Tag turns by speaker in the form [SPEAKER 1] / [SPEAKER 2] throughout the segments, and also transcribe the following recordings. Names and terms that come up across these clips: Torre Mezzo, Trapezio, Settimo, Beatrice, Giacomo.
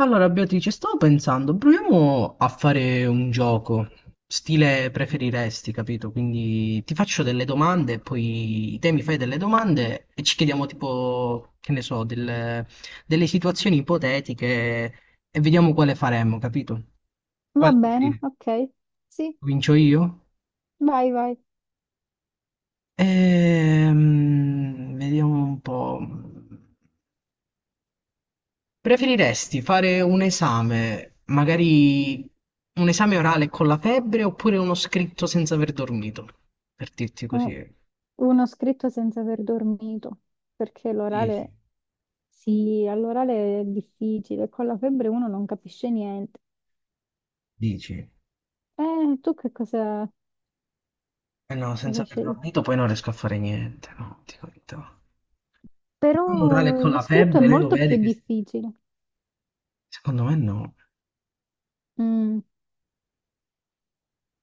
[SPEAKER 1] Allora, Beatrice, stavo pensando, proviamo a fare un gioco, stile preferiresti, capito? Quindi ti faccio delle domande, poi te mi fai delle domande e ci chiediamo tipo, che ne so, delle situazioni ipotetiche e vediamo quale faremmo, capito?
[SPEAKER 2] Va
[SPEAKER 1] Quale
[SPEAKER 2] bene,
[SPEAKER 1] preferire?
[SPEAKER 2] ok. Sì,
[SPEAKER 1] Comincio io?
[SPEAKER 2] vai, vai.
[SPEAKER 1] Vediamo un po'. Preferiresti fare un esame, magari un esame orale con la febbre oppure uno scritto senza aver dormito? Per dirti così.
[SPEAKER 2] U- Uno scritto senza aver dormito, perché
[SPEAKER 1] Dici,
[SPEAKER 2] l'orale, sì, all'orale è difficile, con la febbre uno non capisce niente.
[SPEAKER 1] dici.
[SPEAKER 2] Tu che cosa,
[SPEAKER 1] Eh no, senza
[SPEAKER 2] cosa
[SPEAKER 1] aver
[SPEAKER 2] scegli?
[SPEAKER 1] dormito poi non riesco a fare niente, no, dico la verità. Un orale
[SPEAKER 2] Però
[SPEAKER 1] con
[SPEAKER 2] lo
[SPEAKER 1] la
[SPEAKER 2] scritto è
[SPEAKER 1] febbre, lei lo
[SPEAKER 2] molto più
[SPEAKER 1] vede che...
[SPEAKER 2] difficile.
[SPEAKER 1] Secondo me no,
[SPEAKER 2] Mm,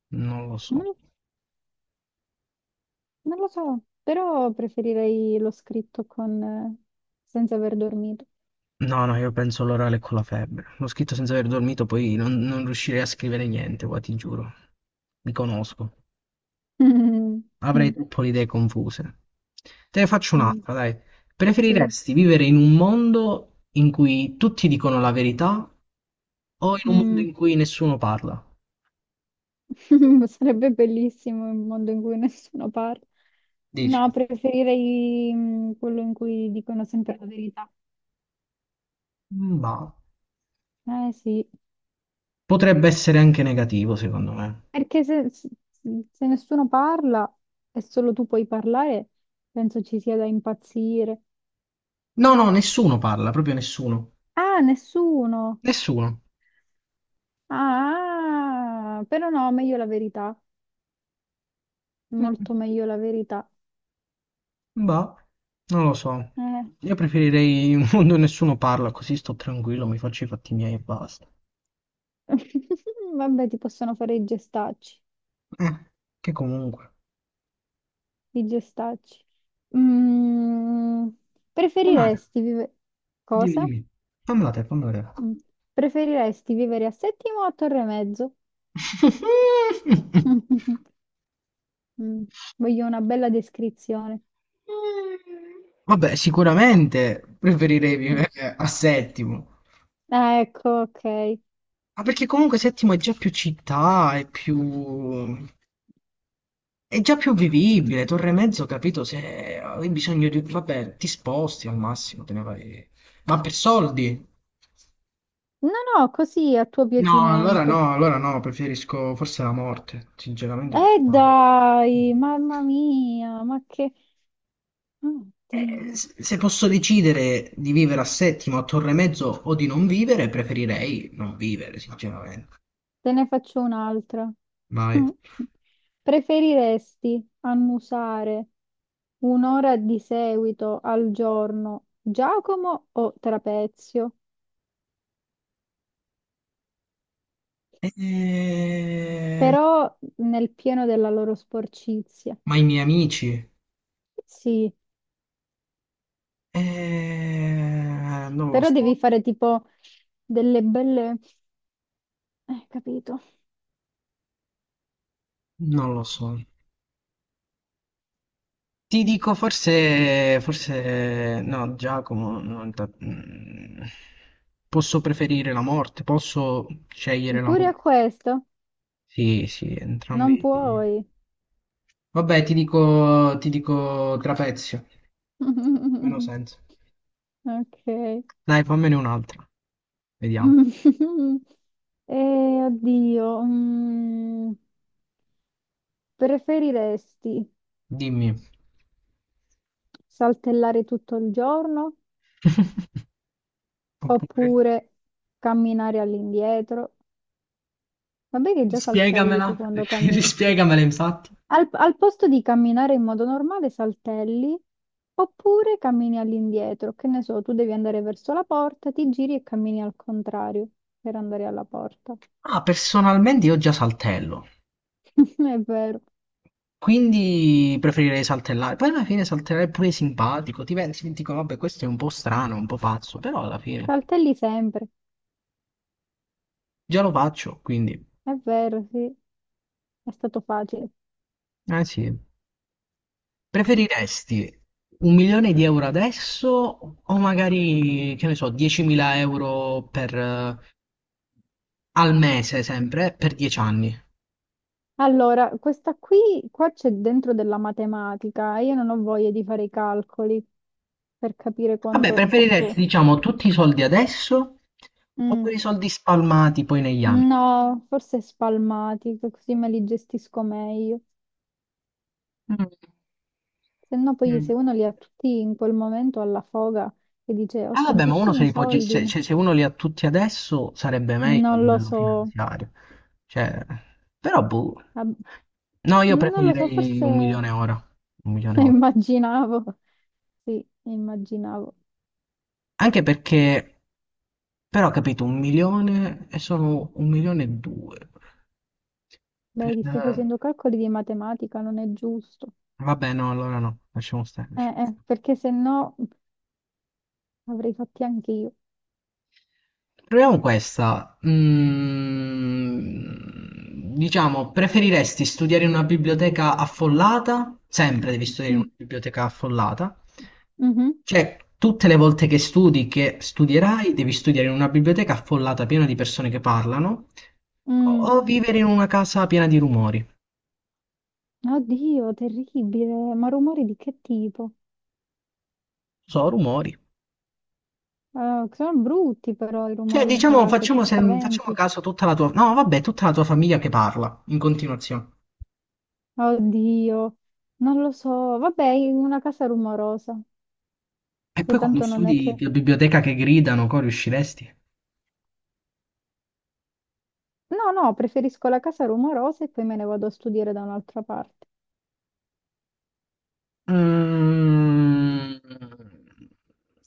[SPEAKER 1] non lo so.
[SPEAKER 2] non, non lo so, però preferirei lo scritto con, senza aver dormito.
[SPEAKER 1] No, no, io penso l'orale con la febbre. Lo scritto senza aver dormito poi non riuscirei a scrivere niente, qua ti giuro. Mi conosco. Avrei
[SPEAKER 2] Mm,
[SPEAKER 1] troppo le idee confuse. Te ne faccio
[SPEAKER 2] mm,
[SPEAKER 1] un'altra, dai.
[SPEAKER 2] Sì.
[SPEAKER 1] Preferiresti vivere in un mondo in cui tutti dicono la verità o in un mondo
[SPEAKER 2] Mm.
[SPEAKER 1] in cui nessuno parla?
[SPEAKER 2] Sarebbe bellissimo un mondo in cui nessuno parla.
[SPEAKER 1] Dici?
[SPEAKER 2] No, preferirei quello in cui dicono sempre la verità.
[SPEAKER 1] Ma
[SPEAKER 2] Eh sì,
[SPEAKER 1] potrebbe essere anche negativo, secondo me.
[SPEAKER 2] perché se se nessuno parla e solo tu puoi parlare, penso ci sia da impazzire.
[SPEAKER 1] No, no, nessuno parla, proprio nessuno.
[SPEAKER 2] Ah, nessuno!
[SPEAKER 1] Nessuno.
[SPEAKER 2] Ah, però no, meglio la verità. Molto meglio la verità.
[SPEAKER 1] Ma non lo so.
[SPEAKER 2] Eh.
[SPEAKER 1] Io preferirei un mondo in cui nessuno parla, così sto tranquillo, mi faccio i fatti miei e basta.
[SPEAKER 2] Vabbè, ti possono fare i gestacci.
[SPEAKER 1] Eh, che comunque.
[SPEAKER 2] Di gestacci. Mm,
[SPEAKER 1] Fammela te,
[SPEAKER 2] preferiresti vivere...
[SPEAKER 1] dimmi,
[SPEAKER 2] Cosa?
[SPEAKER 1] dimmi. Fammela te, fammela te.
[SPEAKER 2] Mm. Preferiresti vivere a Settimo o a Torre Mezzo? Mm, voglio una bella descrizione.
[SPEAKER 1] Vabbè, sicuramente preferirei
[SPEAKER 2] Mm.
[SPEAKER 1] vivere a Settimo.
[SPEAKER 2] Ah, ecco, ok.
[SPEAKER 1] Ma perché comunque Settimo è già più città, è più... è già più vivibile. Torre Mezzo, capito, se hai bisogno di... Vabbè, ti sposti al massimo, te ne vai... Ma per soldi?
[SPEAKER 2] No, no, così a tuo
[SPEAKER 1] No, allora
[SPEAKER 2] piacimento.
[SPEAKER 1] no, allora no, preferisco forse la morte, sinceramente.
[SPEAKER 2] Dai, mamma mia, ma che... Oddio.
[SPEAKER 1] Se posso decidere di vivere a Settimo, a Torre Mezzo o di non vivere, preferirei non vivere, sinceramente.
[SPEAKER 2] Te ne faccio un'altra.
[SPEAKER 1] Vai.
[SPEAKER 2] Mm. Preferiresti annusare un'ora di seguito al giorno Giacomo o Trapezio?
[SPEAKER 1] Eh,
[SPEAKER 2] Però nel pieno della loro sporcizia.
[SPEAKER 1] Ma i miei amici?
[SPEAKER 2] Sì,
[SPEAKER 1] Non lo
[SPEAKER 2] però devi
[SPEAKER 1] so,
[SPEAKER 2] fare tipo delle belle... capito.
[SPEAKER 1] non lo so. Ti dico forse, forse no, Giacomo, non ta- mm, posso preferire la morte, posso scegliere la
[SPEAKER 2] Pure a
[SPEAKER 1] morte.
[SPEAKER 2] questo
[SPEAKER 1] Sì, sì,
[SPEAKER 2] non
[SPEAKER 1] entrambi.
[SPEAKER 2] puoi.
[SPEAKER 1] Vabbè, ti dico Trapezio. Meno senso.
[SPEAKER 2] Ok.
[SPEAKER 1] Dai, fammene un'altra. Vediamo.
[SPEAKER 2] Oddio. Mm. Preferiresti
[SPEAKER 1] Dimmi.
[SPEAKER 2] saltellare tutto il giorno
[SPEAKER 1] Oppure...
[SPEAKER 2] oppure camminare all'indietro? Vabbè che già saltelli tu
[SPEAKER 1] Spiegamela.
[SPEAKER 2] quando cammini.
[SPEAKER 1] Rispiegamela, infatti.
[SPEAKER 2] Al posto di camminare in modo normale, saltelli oppure cammini all'indietro. Che ne so, tu devi andare verso la porta, ti giri e cammini al contrario per andare alla porta.
[SPEAKER 1] Ah, personalmente io già saltello.
[SPEAKER 2] È vero.
[SPEAKER 1] Quindi preferirei saltellare. Poi alla fine saltellare è pure simpatico. Ti pensi, ti dicono, vabbè, questo è un po' strano, un po' pazzo, però alla fine
[SPEAKER 2] Saltelli sempre.
[SPEAKER 1] già lo faccio, quindi...
[SPEAKER 2] È vero, sì. È stato facile.
[SPEAKER 1] Eh sì. Preferiresti un milione di euro adesso o magari, che ne so, 10.000 euro per, al mese sempre, per 10 anni?
[SPEAKER 2] Allora, questa qui, qua c'è dentro della matematica, io non ho voglia di fare i calcoli per capire
[SPEAKER 1] Vabbè,
[SPEAKER 2] quanto
[SPEAKER 1] preferiresti,
[SPEAKER 2] posso...
[SPEAKER 1] diciamo, tutti i soldi adesso o
[SPEAKER 2] Mm,
[SPEAKER 1] i soldi spalmati poi negli anni?
[SPEAKER 2] no, forse spalmati, che così me li gestisco meglio.
[SPEAKER 1] Mm,
[SPEAKER 2] Se no poi se
[SPEAKER 1] mm.
[SPEAKER 2] uno li ha tutti in quel momento alla foga e dice ho
[SPEAKER 1] Eh vabbè, ma uno se
[SPEAKER 2] tantissimi
[SPEAKER 1] li può
[SPEAKER 2] soldi,
[SPEAKER 1] cioè, se uno li ha tutti adesso sarebbe meglio a
[SPEAKER 2] non lo
[SPEAKER 1] livello
[SPEAKER 2] so,
[SPEAKER 1] finanziario. Cioè, però boh.
[SPEAKER 2] Ab-
[SPEAKER 1] No, io
[SPEAKER 2] non lo so,
[SPEAKER 1] preferirei
[SPEAKER 2] forse
[SPEAKER 1] un milione ora. Un milione ora.
[SPEAKER 2] immaginavo, sì, immaginavo.
[SPEAKER 1] Anche perché, però, capito, un milione e sono un milione e due.
[SPEAKER 2] Vedi, stai
[SPEAKER 1] Per-
[SPEAKER 2] facendo calcoli di matematica, non è giusto.
[SPEAKER 1] Vabbè, no, allora no, lasciamo stare. Lasciamo.
[SPEAKER 2] Perché se no avrei fatti anche io.
[SPEAKER 1] Proviamo questa. Mm, diciamo, preferiresti studiare in una biblioteca affollata? Sempre devi studiare in una
[SPEAKER 2] Mm,
[SPEAKER 1] biblioteca affollata.
[SPEAKER 2] mhm,
[SPEAKER 1] Cioè, tutte le volte che studi, che studierai, devi studiare in una biblioteca affollata piena di persone che parlano, o
[SPEAKER 2] mm.
[SPEAKER 1] vivere in una casa piena di rumori.
[SPEAKER 2] Oddio, terribile, ma rumori di che tipo?
[SPEAKER 1] So, rumori.
[SPEAKER 2] Sono brutti però i
[SPEAKER 1] Cioè,
[SPEAKER 2] rumori in
[SPEAKER 1] diciamo,
[SPEAKER 2] casa, ti
[SPEAKER 1] facciamo
[SPEAKER 2] spaventi.
[SPEAKER 1] caso a tutta la tua... No, vabbè, tutta la tua famiglia che parla in continuazione.
[SPEAKER 2] Oddio, non lo so. Vabbè, in una casa rumorosa,
[SPEAKER 1] E
[SPEAKER 2] che
[SPEAKER 1] poi quando
[SPEAKER 2] tanto non è
[SPEAKER 1] studi
[SPEAKER 2] che...
[SPEAKER 1] la biblioteca che gridano, co, riusciresti?
[SPEAKER 2] No, no, preferisco la casa rumorosa e poi me ne vado a studiare da un'altra parte.
[SPEAKER 1] Mm.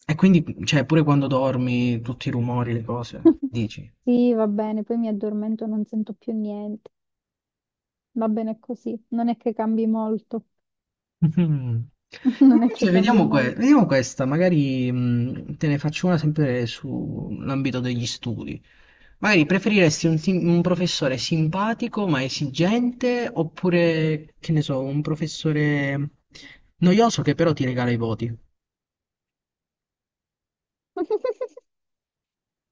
[SPEAKER 1] E quindi, cioè, pure quando dormi, tutti i rumori, le cose, dici.
[SPEAKER 2] Sì, va bene, poi mi addormento e non sento più niente. Va bene così, non è che cambi molto.
[SPEAKER 1] Mhm.
[SPEAKER 2] Non è che
[SPEAKER 1] Invece
[SPEAKER 2] cambia
[SPEAKER 1] vediamo,
[SPEAKER 2] molto.
[SPEAKER 1] vediamo questa, magari te ne faccio una sempre sull'ambito degli studi. Magari preferiresti un professore simpatico ma esigente oppure, che ne so, un professore noioso che però ti regala i voti?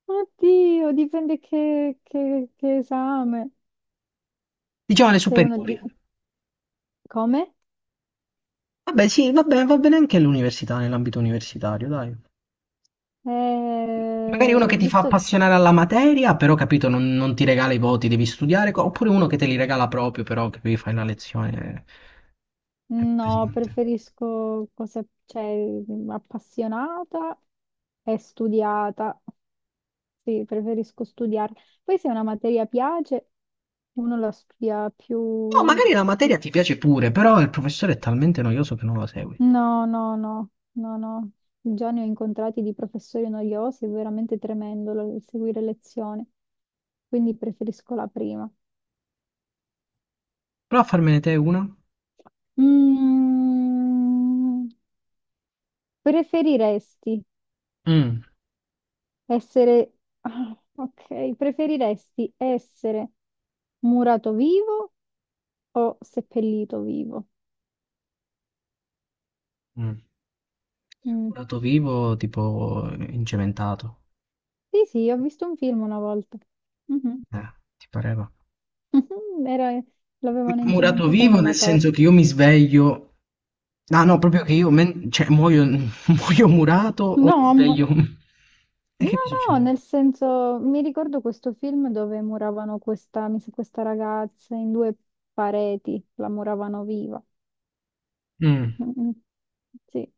[SPEAKER 2] Oddio, dipende che, che esame.
[SPEAKER 1] Diciamo le
[SPEAKER 2] Sei uno di...
[SPEAKER 1] superiori.
[SPEAKER 2] Come?
[SPEAKER 1] Vabbè, sì, va bene anche l'università, nell'ambito universitario, dai. Magari uno che ti fa
[SPEAKER 2] Visto...
[SPEAKER 1] appassionare alla materia, però capito, non ti regala i voti, devi studiare, co- oppure uno che te li regala proprio, però che devi fare la lezione. Eh, è
[SPEAKER 2] No,
[SPEAKER 1] pesante.
[SPEAKER 2] preferisco cose, cioè, appassionata e studiata. Sì, preferisco studiare. Poi se una materia piace, uno la studia
[SPEAKER 1] No,
[SPEAKER 2] più,
[SPEAKER 1] magari la
[SPEAKER 2] più
[SPEAKER 1] materia ti piace pure, però il professore è talmente noioso che non lo segui.
[SPEAKER 2] no, no, no, no, no. Già ne ho incontrati di professori noiosi, è veramente tremendo seguire lezioni, quindi preferisco la prima.
[SPEAKER 1] Prova a farmene te una.
[SPEAKER 2] Mm, preferiresti
[SPEAKER 1] Mm.
[SPEAKER 2] essere... Ah, ok, preferiresti essere murato vivo o seppellito vivo?
[SPEAKER 1] Mm.
[SPEAKER 2] Mm.
[SPEAKER 1] Dato vivo, tipo incementato.
[SPEAKER 2] Sì, sì, ho visto un film una volta. Mhm.
[SPEAKER 1] Ti pareva?
[SPEAKER 2] Era- L'avevano
[SPEAKER 1] Murato
[SPEAKER 2] incementata in
[SPEAKER 1] vivo nel
[SPEAKER 2] una torre.
[SPEAKER 1] senso che io mi sveglio, no, no, proprio che io muoio, muoio murato o mi
[SPEAKER 2] No, amore.
[SPEAKER 1] sveglio. E
[SPEAKER 2] No,
[SPEAKER 1] che mi
[SPEAKER 2] no,
[SPEAKER 1] succede?
[SPEAKER 2] nel senso, mi ricordo questo film dove muravano questa, mi sa, questa ragazza in due pareti, la muravano viva.
[SPEAKER 1] Mm.
[SPEAKER 2] Mm, sì,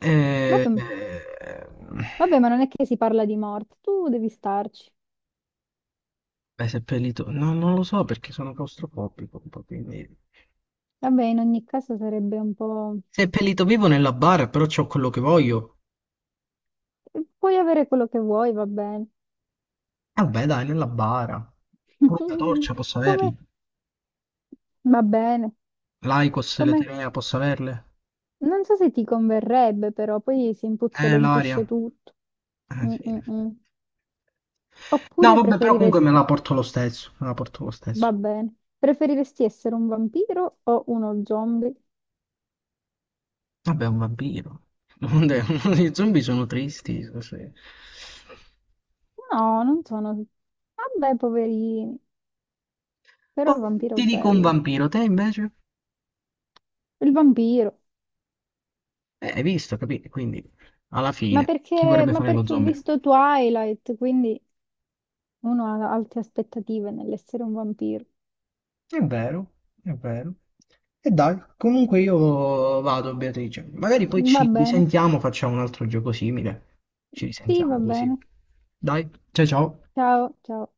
[SPEAKER 1] Eh,
[SPEAKER 2] vabbè,
[SPEAKER 1] eh,
[SPEAKER 2] vabbè, ma non è che si parla di morte, tu devi starci.
[SPEAKER 1] Beh, seppellito, no, non lo so perché sono claustrofobico un po', quindi...
[SPEAKER 2] Vabbè, in ogni caso sarebbe un po'...
[SPEAKER 1] Seppellito vivo nella bara, però c'ho quello che voglio.
[SPEAKER 2] Eh, puoi avere quello che vuoi, va bene.
[SPEAKER 1] E vabbè, dai, nella bara. Pure una torcia posso
[SPEAKER 2] Come...
[SPEAKER 1] averli.
[SPEAKER 2] Va bene.
[SPEAKER 1] L'Aicos,
[SPEAKER 2] Come...
[SPEAKER 1] l'Eterea posso averle.
[SPEAKER 2] Non so se ti converrebbe, però poi si
[SPEAKER 1] L'aria.
[SPEAKER 2] impuzzolentisce tutto. Mm,
[SPEAKER 1] Sì.
[SPEAKER 2] mm, mm.
[SPEAKER 1] No,
[SPEAKER 2] Oppure
[SPEAKER 1] vabbè, però comunque me
[SPEAKER 2] preferiresti...
[SPEAKER 1] la porto lo stesso. Me la porto lo stesso.
[SPEAKER 2] Va bene. Preferiresti essere un vampiro o uno zombie?
[SPEAKER 1] Vabbè, è un vampiro. Vabbè, i zombie sono tristi. Così.
[SPEAKER 2] No, non sono... Vabbè, poverini, però il
[SPEAKER 1] Poi
[SPEAKER 2] vampiro è
[SPEAKER 1] ti dico un
[SPEAKER 2] bello.
[SPEAKER 1] vampiro, te invece?
[SPEAKER 2] Il vampiro.
[SPEAKER 1] Hai visto, capito? Quindi, alla fine, chi vorrebbe
[SPEAKER 2] Ma
[SPEAKER 1] fare lo
[SPEAKER 2] perché ho
[SPEAKER 1] zombie?
[SPEAKER 2] visto Twilight, quindi uno ha alte aspettative nell'essere un vampiro.
[SPEAKER 1] È vero, è vero. E dai, comunque io vado, Beatrice. Magari poi
[SPEAKER 2] Va
[SPEAKER 1] ci
[SPEAKER 2] bene.
[SPEAKER 1] risentiamo, facciamo un altro gioco simile. Ci
[SPEAKER 2] Sì, va
[SPEAKER 1] risentiamo così.
[SPEAKER 2] bene.
[SPEAKER 1] Dai, ciao ciao.
[SPEAKER 2] Ciao, ciao.